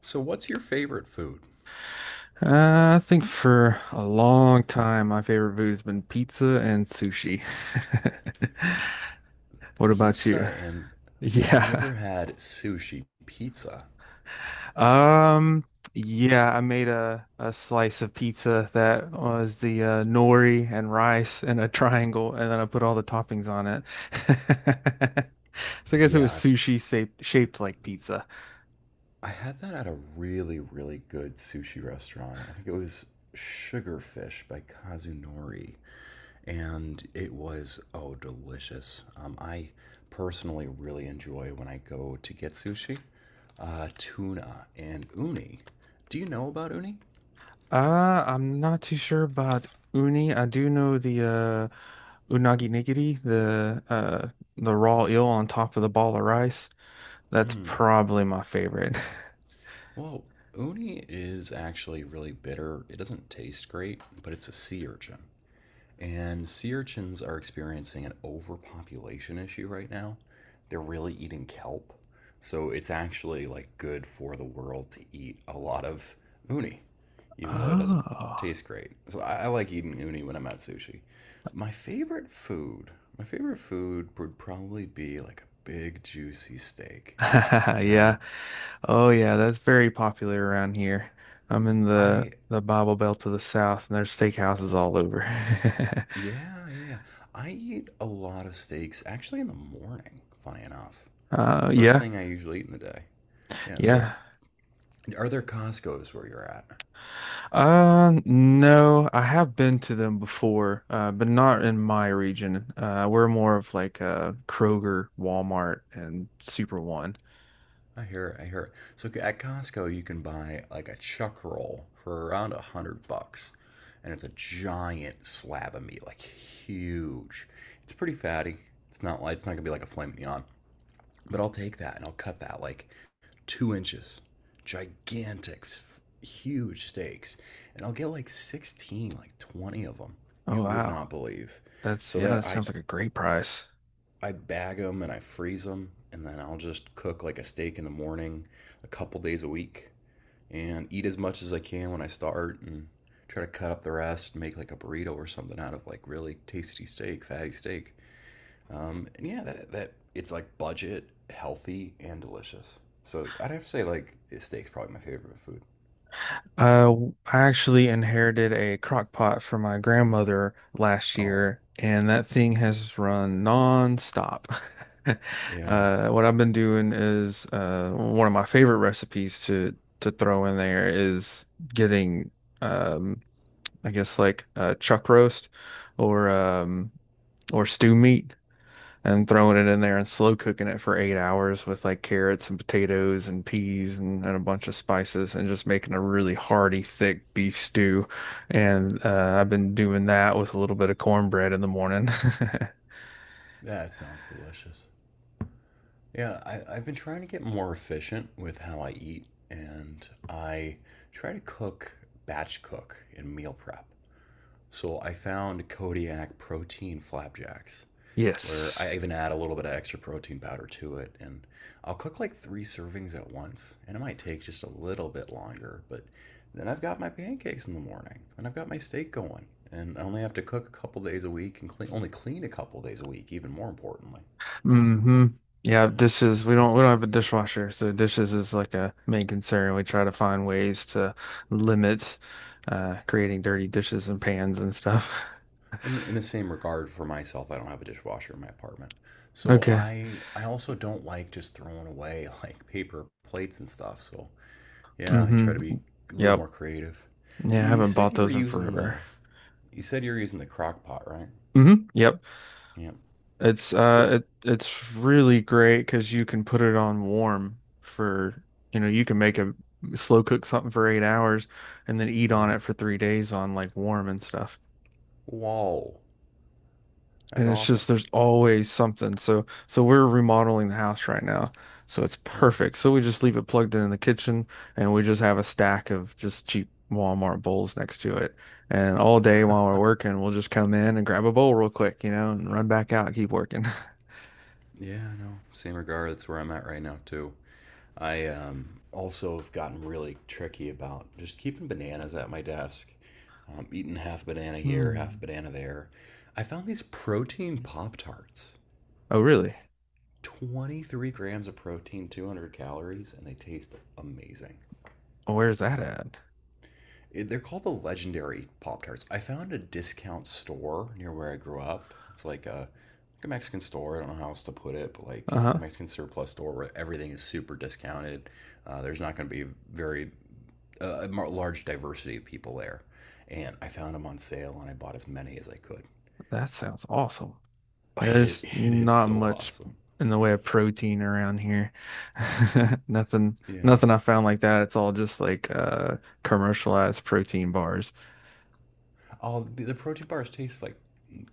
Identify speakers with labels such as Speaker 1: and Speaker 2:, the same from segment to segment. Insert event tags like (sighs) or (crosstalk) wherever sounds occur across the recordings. Speaker 1: So, what's your favorite food?
Speaker 2: I think for a long time, my favorite food has been pizza and sushi. (laughs) What about
Speaker 1: Pizza
Speaker 2: you?
Speaker 1: and. Have you
Speaker 2: Yeah.
Speaker 1: ever had sushi pizza?
Speaker 2: Um, yeah, I made a slice of pizza that was the nori and rice in a triangle, and then I put all the toppings on it. (laughs) So I guess it
Speaker 1: Yeah,
Speaker 2: was
Speaker 1: I've
Speaker 2: sushi shaped, shaped like pizza.
Speaker 1: I had that at a really, really good sushi restaurant. I think it was Sugarfish by Kazunori, and it was, oh, delicious. I personally really enjoy when I go to get sushi, tuna and uni. Do you know about uni?
Speaker 2: I'm not too sure about uni. I do know the unagi nigiri, the raw eel on top of the ball of rice. That's probably my favorite. (laughs)
Speaker 1: Well, uni is actually really bitter. It doesn't taste great, but it's a sea urchin. And sea urchins are experiencing an overpopulation issue right now. They're really eating kelp. So it's actually like good for the world to eat a lot of uni, even though it doesn't
Speaker 2: Oh.
Speaker 1: taste great. So I like eating uni when I'm at sushi. My favorite food, my favorite food would probably be like a big juicy steak.
Speaker 2: (laughs)
Speaker 1: You know,
Speaker 2: Yeah. Oh yeah, that's very popular around here. I'm in the
Speaker 1: I
Speaker 2: the Bible Belt to the south, and there's steakhouses all over.
Speaker 1: Yeah, yeah, yeah. I eat a lot of steaks actually in the morning, funny enough.
Speaker 2: (laughs)
Speaker 1: First
Speaker 2: Yeah.
Speaker 1: thing I usually eat in the day. Yeah, so
Speaker 2: Yeah.
Speaker 1: are there Costco's where you're at?
Speaker 2: No, I have been to them before, but not in my region. We're more of like Kroger, Walmart, and Super One.
Speaker 1: I hear it, I hear it. So at Costco you can buy like a chuck roll for around $100. And it's a giant slab of meat, like huge. It's pretty fatty. It's not like it's not gonna be like a filet mignon. But I'll take that and I'll cut that like 2 inches, gigantic, huge steaks, and I'll get like 16, like 20 of them.
Speaker 2: Oh
Speaker 1: You would
Speaker 2: wow.
Speaker 1: not believe.
Speaker 2: That's,
Speaker 1: So
Speaker 2: yeah,
Speaker 1: then
Speaker 2: that
Speaker 1: I
Speaker 2: sounds like a great price.
Speaker 1: I bag them and I freeze them, and then I'll just cook like a steak in the morning, a couple days a week, and eat as much as I can when I start, and try to cut up the rest, make like a burrito or something out of like really tasty steak, fatty steak. And yeah, that it's like budget, healthy, and delicious. So I'd have to say like steak's probably my favorite food.
Speaker 2: I actually inherited a crock pot from my grandmother last
Speaker 1: Oh,
Speaker 2: year, and that thing has run nonstop. (laughs)
Speaker 1: yeah,
Speaker 2: What I've been doing is one of my favorite recipes to throw in there is getting um, I guess like chuck roast or um, or stew meat and throwing it in there and slow cooking it for 8 hours with like carrots and potatoes and peas and a bunch of spices and just making a really hearty, thick beef stew. And I've been doing that with a little bit of cornbread in the morning. (laughs)
Speaker 1: that sounds delicious. Yeah, I've been trying to get more efficient with how I eat, and I try to cook batch cook and meal prep. So I found Kodiak protein flapjacks, where
Speaker 2: Yes.
Speaker 1: I even add a little bit of extra protein powder to it. And I'll cook like three servings at once, and it might take just a little bit longer, but then I've got my pancakes in the morning, and I've got my steak going, and I only have to cook a couple days a week and clean, only clean a couple days a week, even more importantly.
Speaker 2: Hmm. Yeah,
Speaker 1: Yeah.
Speaker 2: dishes. We don't have a dishwasher, so dishes is like a main concern. We try to find ways to limit creating dirty dishes and pans and stuff. (laughs)
Speaker 1: In the same regard for myself, I don't have a dishwasher in my apartment. So
Speaker 2: Okay.
Speaker 1: I also don't like just throwing away (laughs) like paper plates and stuff. So yeah, I
Speaker 2: Hmm.
Speaker 1: try to be a little
Speaker 2: Yep.
Speaker 1: more creative.
Speaker 2: Yeah, I
Speaker 1: You
Speaker 2: haven't
Speaker 1: said
Speaker 2: bought
Speaker 1: you were
Speaker 2: those in
Speaker 1: using
Speaker 2: forever.
Speaker 1: the You said you're using the crock pot, right?
Speaker 2: Hmm. Yep.
Speaker 1: Yeah.
Speaker 2: It's
Speaker 1: So,
Speaker 2: it's really great 'cause you can put it on warm for, you know, you can make a slow cook something for 8 hours and then eat on
Speaker 1: well,
Speaker 2: it for 3 days on like warm and stuff.
Speaker 1: whoa, that's
Speaker 2: And it's
Speaker 1: awesome.
Speaker 2: just there's always something. So so we're remodeling the house right now. So it's
Speaker 1: Yeah.
Speaker 2: perfect. So we just leave it plugged in the kitchen, and we just have a stack of just cheap Walmart bowls next to it. And all day while we're
Speaker 1: (laughs)
Speaker 2: working, we'll just come in and grab a bowl real quick, you know, and run back out and keep working. (laughs)
Speaker 1: Yeah, I know. Same regard. That's where I'm at right now too. I also have gotten really tricky about just keeping bananas at my desk. Eating half banana here, half
Speaker 2: Hmm.
Speaker 1: banana there. I found these protein pop tarts.
Speaker 2: Oh, really?
Speaker 1: 23 grams of protein, 200 calories, and they taste amazing.
Speaker 2: Where's that
Speaker 1: Yeah.
Speaker 2: at?
Speaker 1: They're called the legendary Pop Tarts. I found a discount store near where I grew up. It's like a Mexican store. I don't know how else to put it, but like a
Speaker 2: Uh-huh.
Speaker 1: Mexican surplus store where everything is super discounted. There's not going to be very a large diversity of people there. And I found them on sale and I bought as many as I could. (laughs)
Speaker 2: That sounds awesome. Yeah,
Speaker 1: It,
Speaker 2: there's
Speaker 1: it is
Speaker 2: not
Speaker 1: so
Speaker 2: much
Speaker 1: awesome.
Speaker 2: in the way of protein around here. (laughs) Nothing,
Speaker 1: Yeah.
Speaker 2: nothing I found like that. It's all just like commercialized protein bars.
Speaker 1: All the protein bars taste like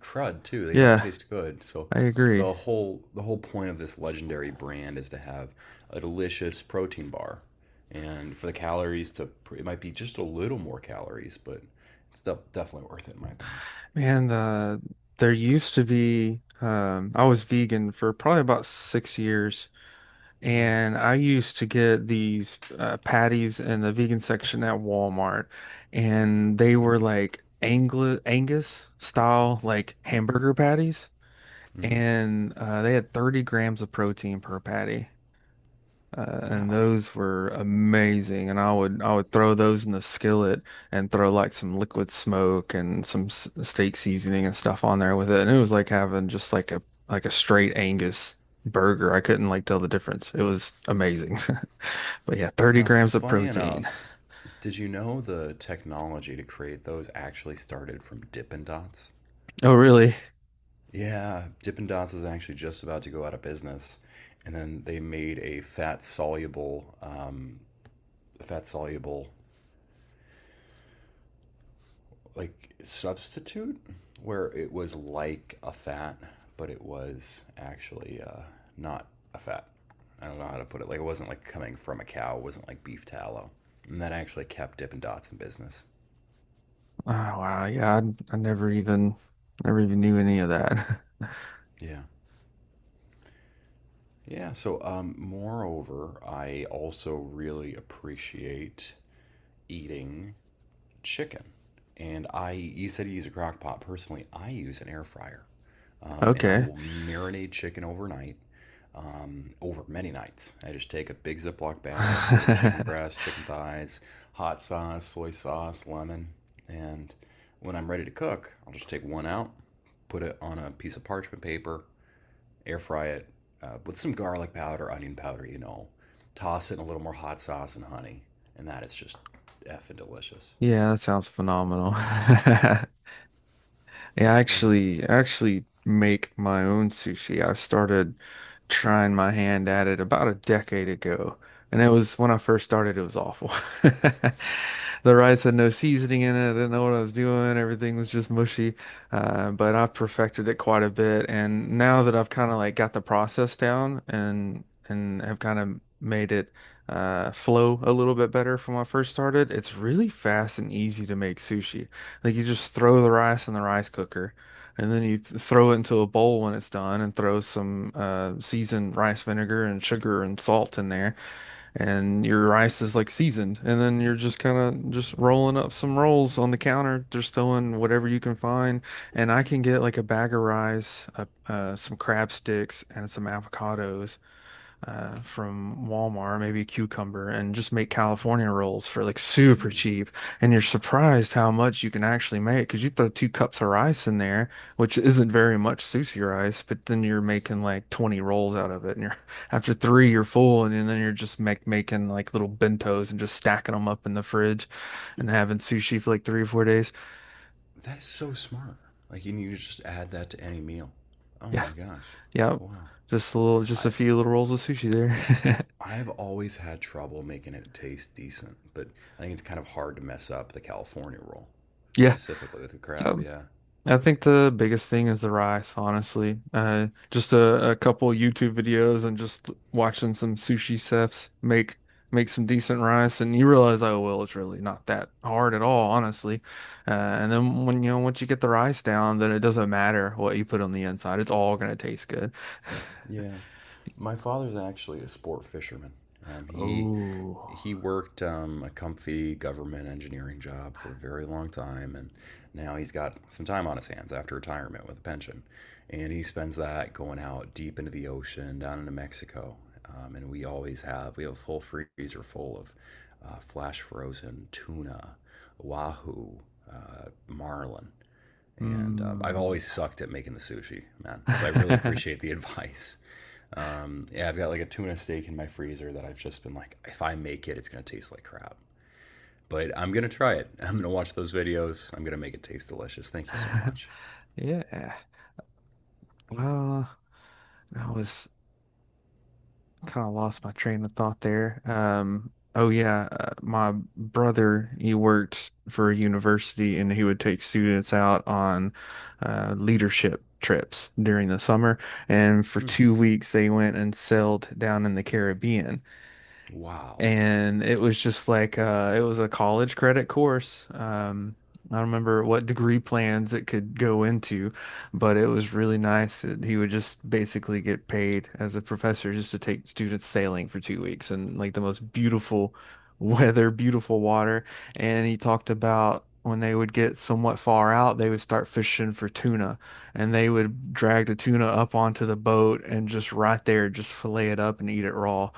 Speaker 1: crud too. They don't
Speaker 2: Yeah,
Speaker 1: taste good. So
Speaker 2: I agree.
Speaker 1: the whole point of this legendary brand is to have a delicious protein bar, and for the calories to it might be just a little more calories, but it's definitely worth it in my opinion.
Speaker 2: Man, there used to be I was vegan for probably about 6 years,
Speaker 1: Wow.
Speaker 2: and I used to get these patties in the vegan section at Walmart, and they were like Angli Angus style like hamburger patties,
Speaker 1: Hmm.
Speaker 2: and they had 30 grams of protein per patty. And
Speaker 1: Wow.
Speaker 2: those were amazing, and I would throw those in the skillet and throw like some liquid smoke and some s steak seasoning and stuff on there with it, and it was like having just like a straight Angus burger. I couldn't like tell the difference. It was amazing, (laughs) but yeah, 30
Speaker 1: Now,
Speaker 2: grams of
Speaker 1: funny
Speaker 2: protein.
Speaker 1: enough, did you know the technology to create those actually started from Dippin' Dots?
Speaker 2: Oh, really?
Speaker 1: Yeah, Dippin' Dots was actually just about to go out of business, and then they made a fat soluble like substitute where it was like a fat, but it was actually not a fat. I don't know how to put it. Like it wasn't like coming from a cow. It wasn't like beef tallow, and that actually kept Dippin' Dots in business.
Speaker 2: Oh, wow. Yeah, I never even knew any of that. (laughs)
Speaker 1: Yeah. Yeah, so moreover, I also really appreciate eating chicken. You said you use a crock pot. Personally, I use an air fryer. And I
Speaker 2: Okay.
Speaker 1: will marinate chicken overnight, over many nights. I just take a big Ziploc bag, put in chicken
Speaker 2: (laughs)
Speaker 1: breasts, chicken thighs, hot sauce, soy sauce, lemon. And when I'm ready to cook, I'll just take one out, put it on a piece of parchment paper, air fry it with some garlic powder, onion powder, you know, toss it in a little more hot sauce and honey. And that is just effing delicious.
Speaker 2: Yeah, that sounds phenomenal. (laughs) Yeah,
Speaker 1: Yeah.
Speaker 2: I actually make my own sushi. I started trying my hand at it about a decade ago. And it was when I first started, it was awful. (laughs) The rice had no seasoning in it. I didn't know what I was doing. Everything was just mushy. But I've perfected it quite a bit. And now that I've kind of like got the process down and have kind of made it flow a little bit better from when I first started, it's really fast and easy to make sushi. Like you just throw the rice in the rice cooker, and then you th throw it into a bowl when it's done, and throw some seasoned rice vinegar and sugar and salt in there, and your rice is like seasoned. And then you're just kind of just rolling up some rolls on the counter, just throwing whatever you can find. And I can get like a bag of rice, some crab sticks, and some avocados from Walmart, maybe a cucumber, and just make California rolls for like super
Speaker 1: Hmm.
Speaker 2: cheap. And you're surprised how much you can actually make because you throw two cups of rice in there, which isn't very much sushi rice, but then you're making like 20 rolls out of it. And you're (laughs) after three, you're full, and then you're just making like little bentos and just stacking them up in the fridge and having sushi for like 3 or 4 days.
Speaker 1: That is so smart. Like you need to just add that to any meal. Oh
Speaker 2: Yeah,
Speaker 1: my gosh.
Speaker 2: yeah.
Speaker 1: Wow.
Speaker 2: Just a little, just a
Speaker 1: I
Speaker 2: few little rolls of sushi there. (laughs)
Speaker 1: I've always had trouble making it taste decent, but I think it's kind of hard to mess up the California roll,
Speaker 2: Yeah.
Speaker 1: specifically with the
Speaker 2: Yep.
Speaker 1: crab. Yeah.
Speaker 2: I think the biggest thing is the rice, honestly. Just a couple YouTube videos and just watching some sushi chefs make some decent rice, and you realize, oh well, it's really not that hard at all, honestly. And then when you know once you get the rice down, then it doesn't matter what you put on the inside; it's all gonna taste good. (sighs)
Speaker 1: Yeah. My father's actually a sport fisherman. Um, he
Speaker 2: Oh,
Speaker 1: he worked a comfy government engineering job for a very long time, and now he's got some time on his hands after retirement with a pension. And he spends that going out deep into the ocean down into Mexico. And we have a full freezer full of flash frozen tuna, wahoo, marlin. And I've always
Speaker 2: mm.
Speaker 1: sucked at making the sushi, man. So I really appreciate
Speaker 2: (laughs)
Speaker 1: the (laughs) advice. Yeah, I've got like a tuna steak in my freezer that I've just been like, if I make it, it's gonna taste like crap. But I'm gonna try it. (laughs) I'm gonna watch those videos. I'm gonna make it taste delicious. Thank you so much.
Speaker 2: Yeah. Well, I was. Kind of lost my train of thought there. Oh yeah, my brother, he worked for a university and he would take students out on leadership trips during the summer. And for
Speaker 1: Hmm.
Speaker 2: 2 weeks, they went and sailed down in the Caribbean,
Speaker 1: Wow.
Speaker 2: and it was just like it was a college credit course. I don't remember what degree plans it could go into, but it was really nice. It, he would just basically get paid as a professor just to take students sailing for 2 weeks and like the most beautiful (laughs) weather, beautiful water. And he talked about when they would get somewhat far out, they would start fishing for tuna, and they would drag the tuna up onto the boat and just right there, just fillet it up and eat it raw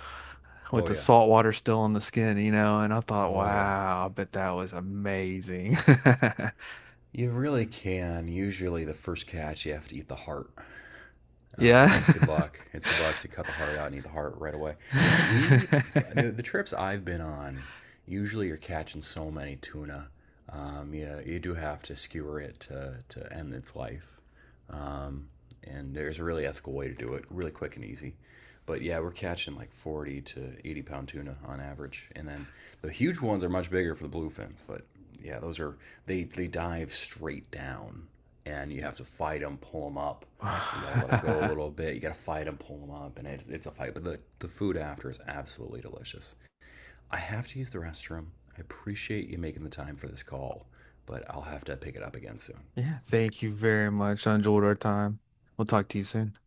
Speaker 2: with
Speaker 1: Oh
Speaker 2: the
Speaker 1: yeah.
Speaker 2: salt water still on the skin, you know, and I thought,
Speaker 1: Oh yeah.
Speaker 2: wow, I bet that was amazing. (laughs)
Speaker 1: You really can. Usually, the first catch, you have to eat the heart.
Speaker 2: Yeah.
Speaker 1: It's good luck. It's good luck to cut the heart out and eat the heart right away. Uh, we, the,
Speaker 2: (sighs)
Speaker 1: the trips I've been on, usually you're catching so many tuna. Yeah, you do have to skewer it to end its life. And there's a really ethical way to do it, really quick and easy. But yeah, we're catching like 40 to 80 pound tuna on average, and then the huge ones are much bigger for the bluefins. But yeah, those are they dive straight down, and you have to fight them, pull them up. You got to let them go a
Speaker 2: (laughs)
Speaker 1: little bit. You got to fight them, pull them up, and it's a fight. But the food after is absolutely delicious. I have to use the restroom. I appreciate you making the time for this call, but I'll have to pick it up again soon.
Speaker 2: Yeah, thank you very much. I enjoyed our time. We'll talk to you soon.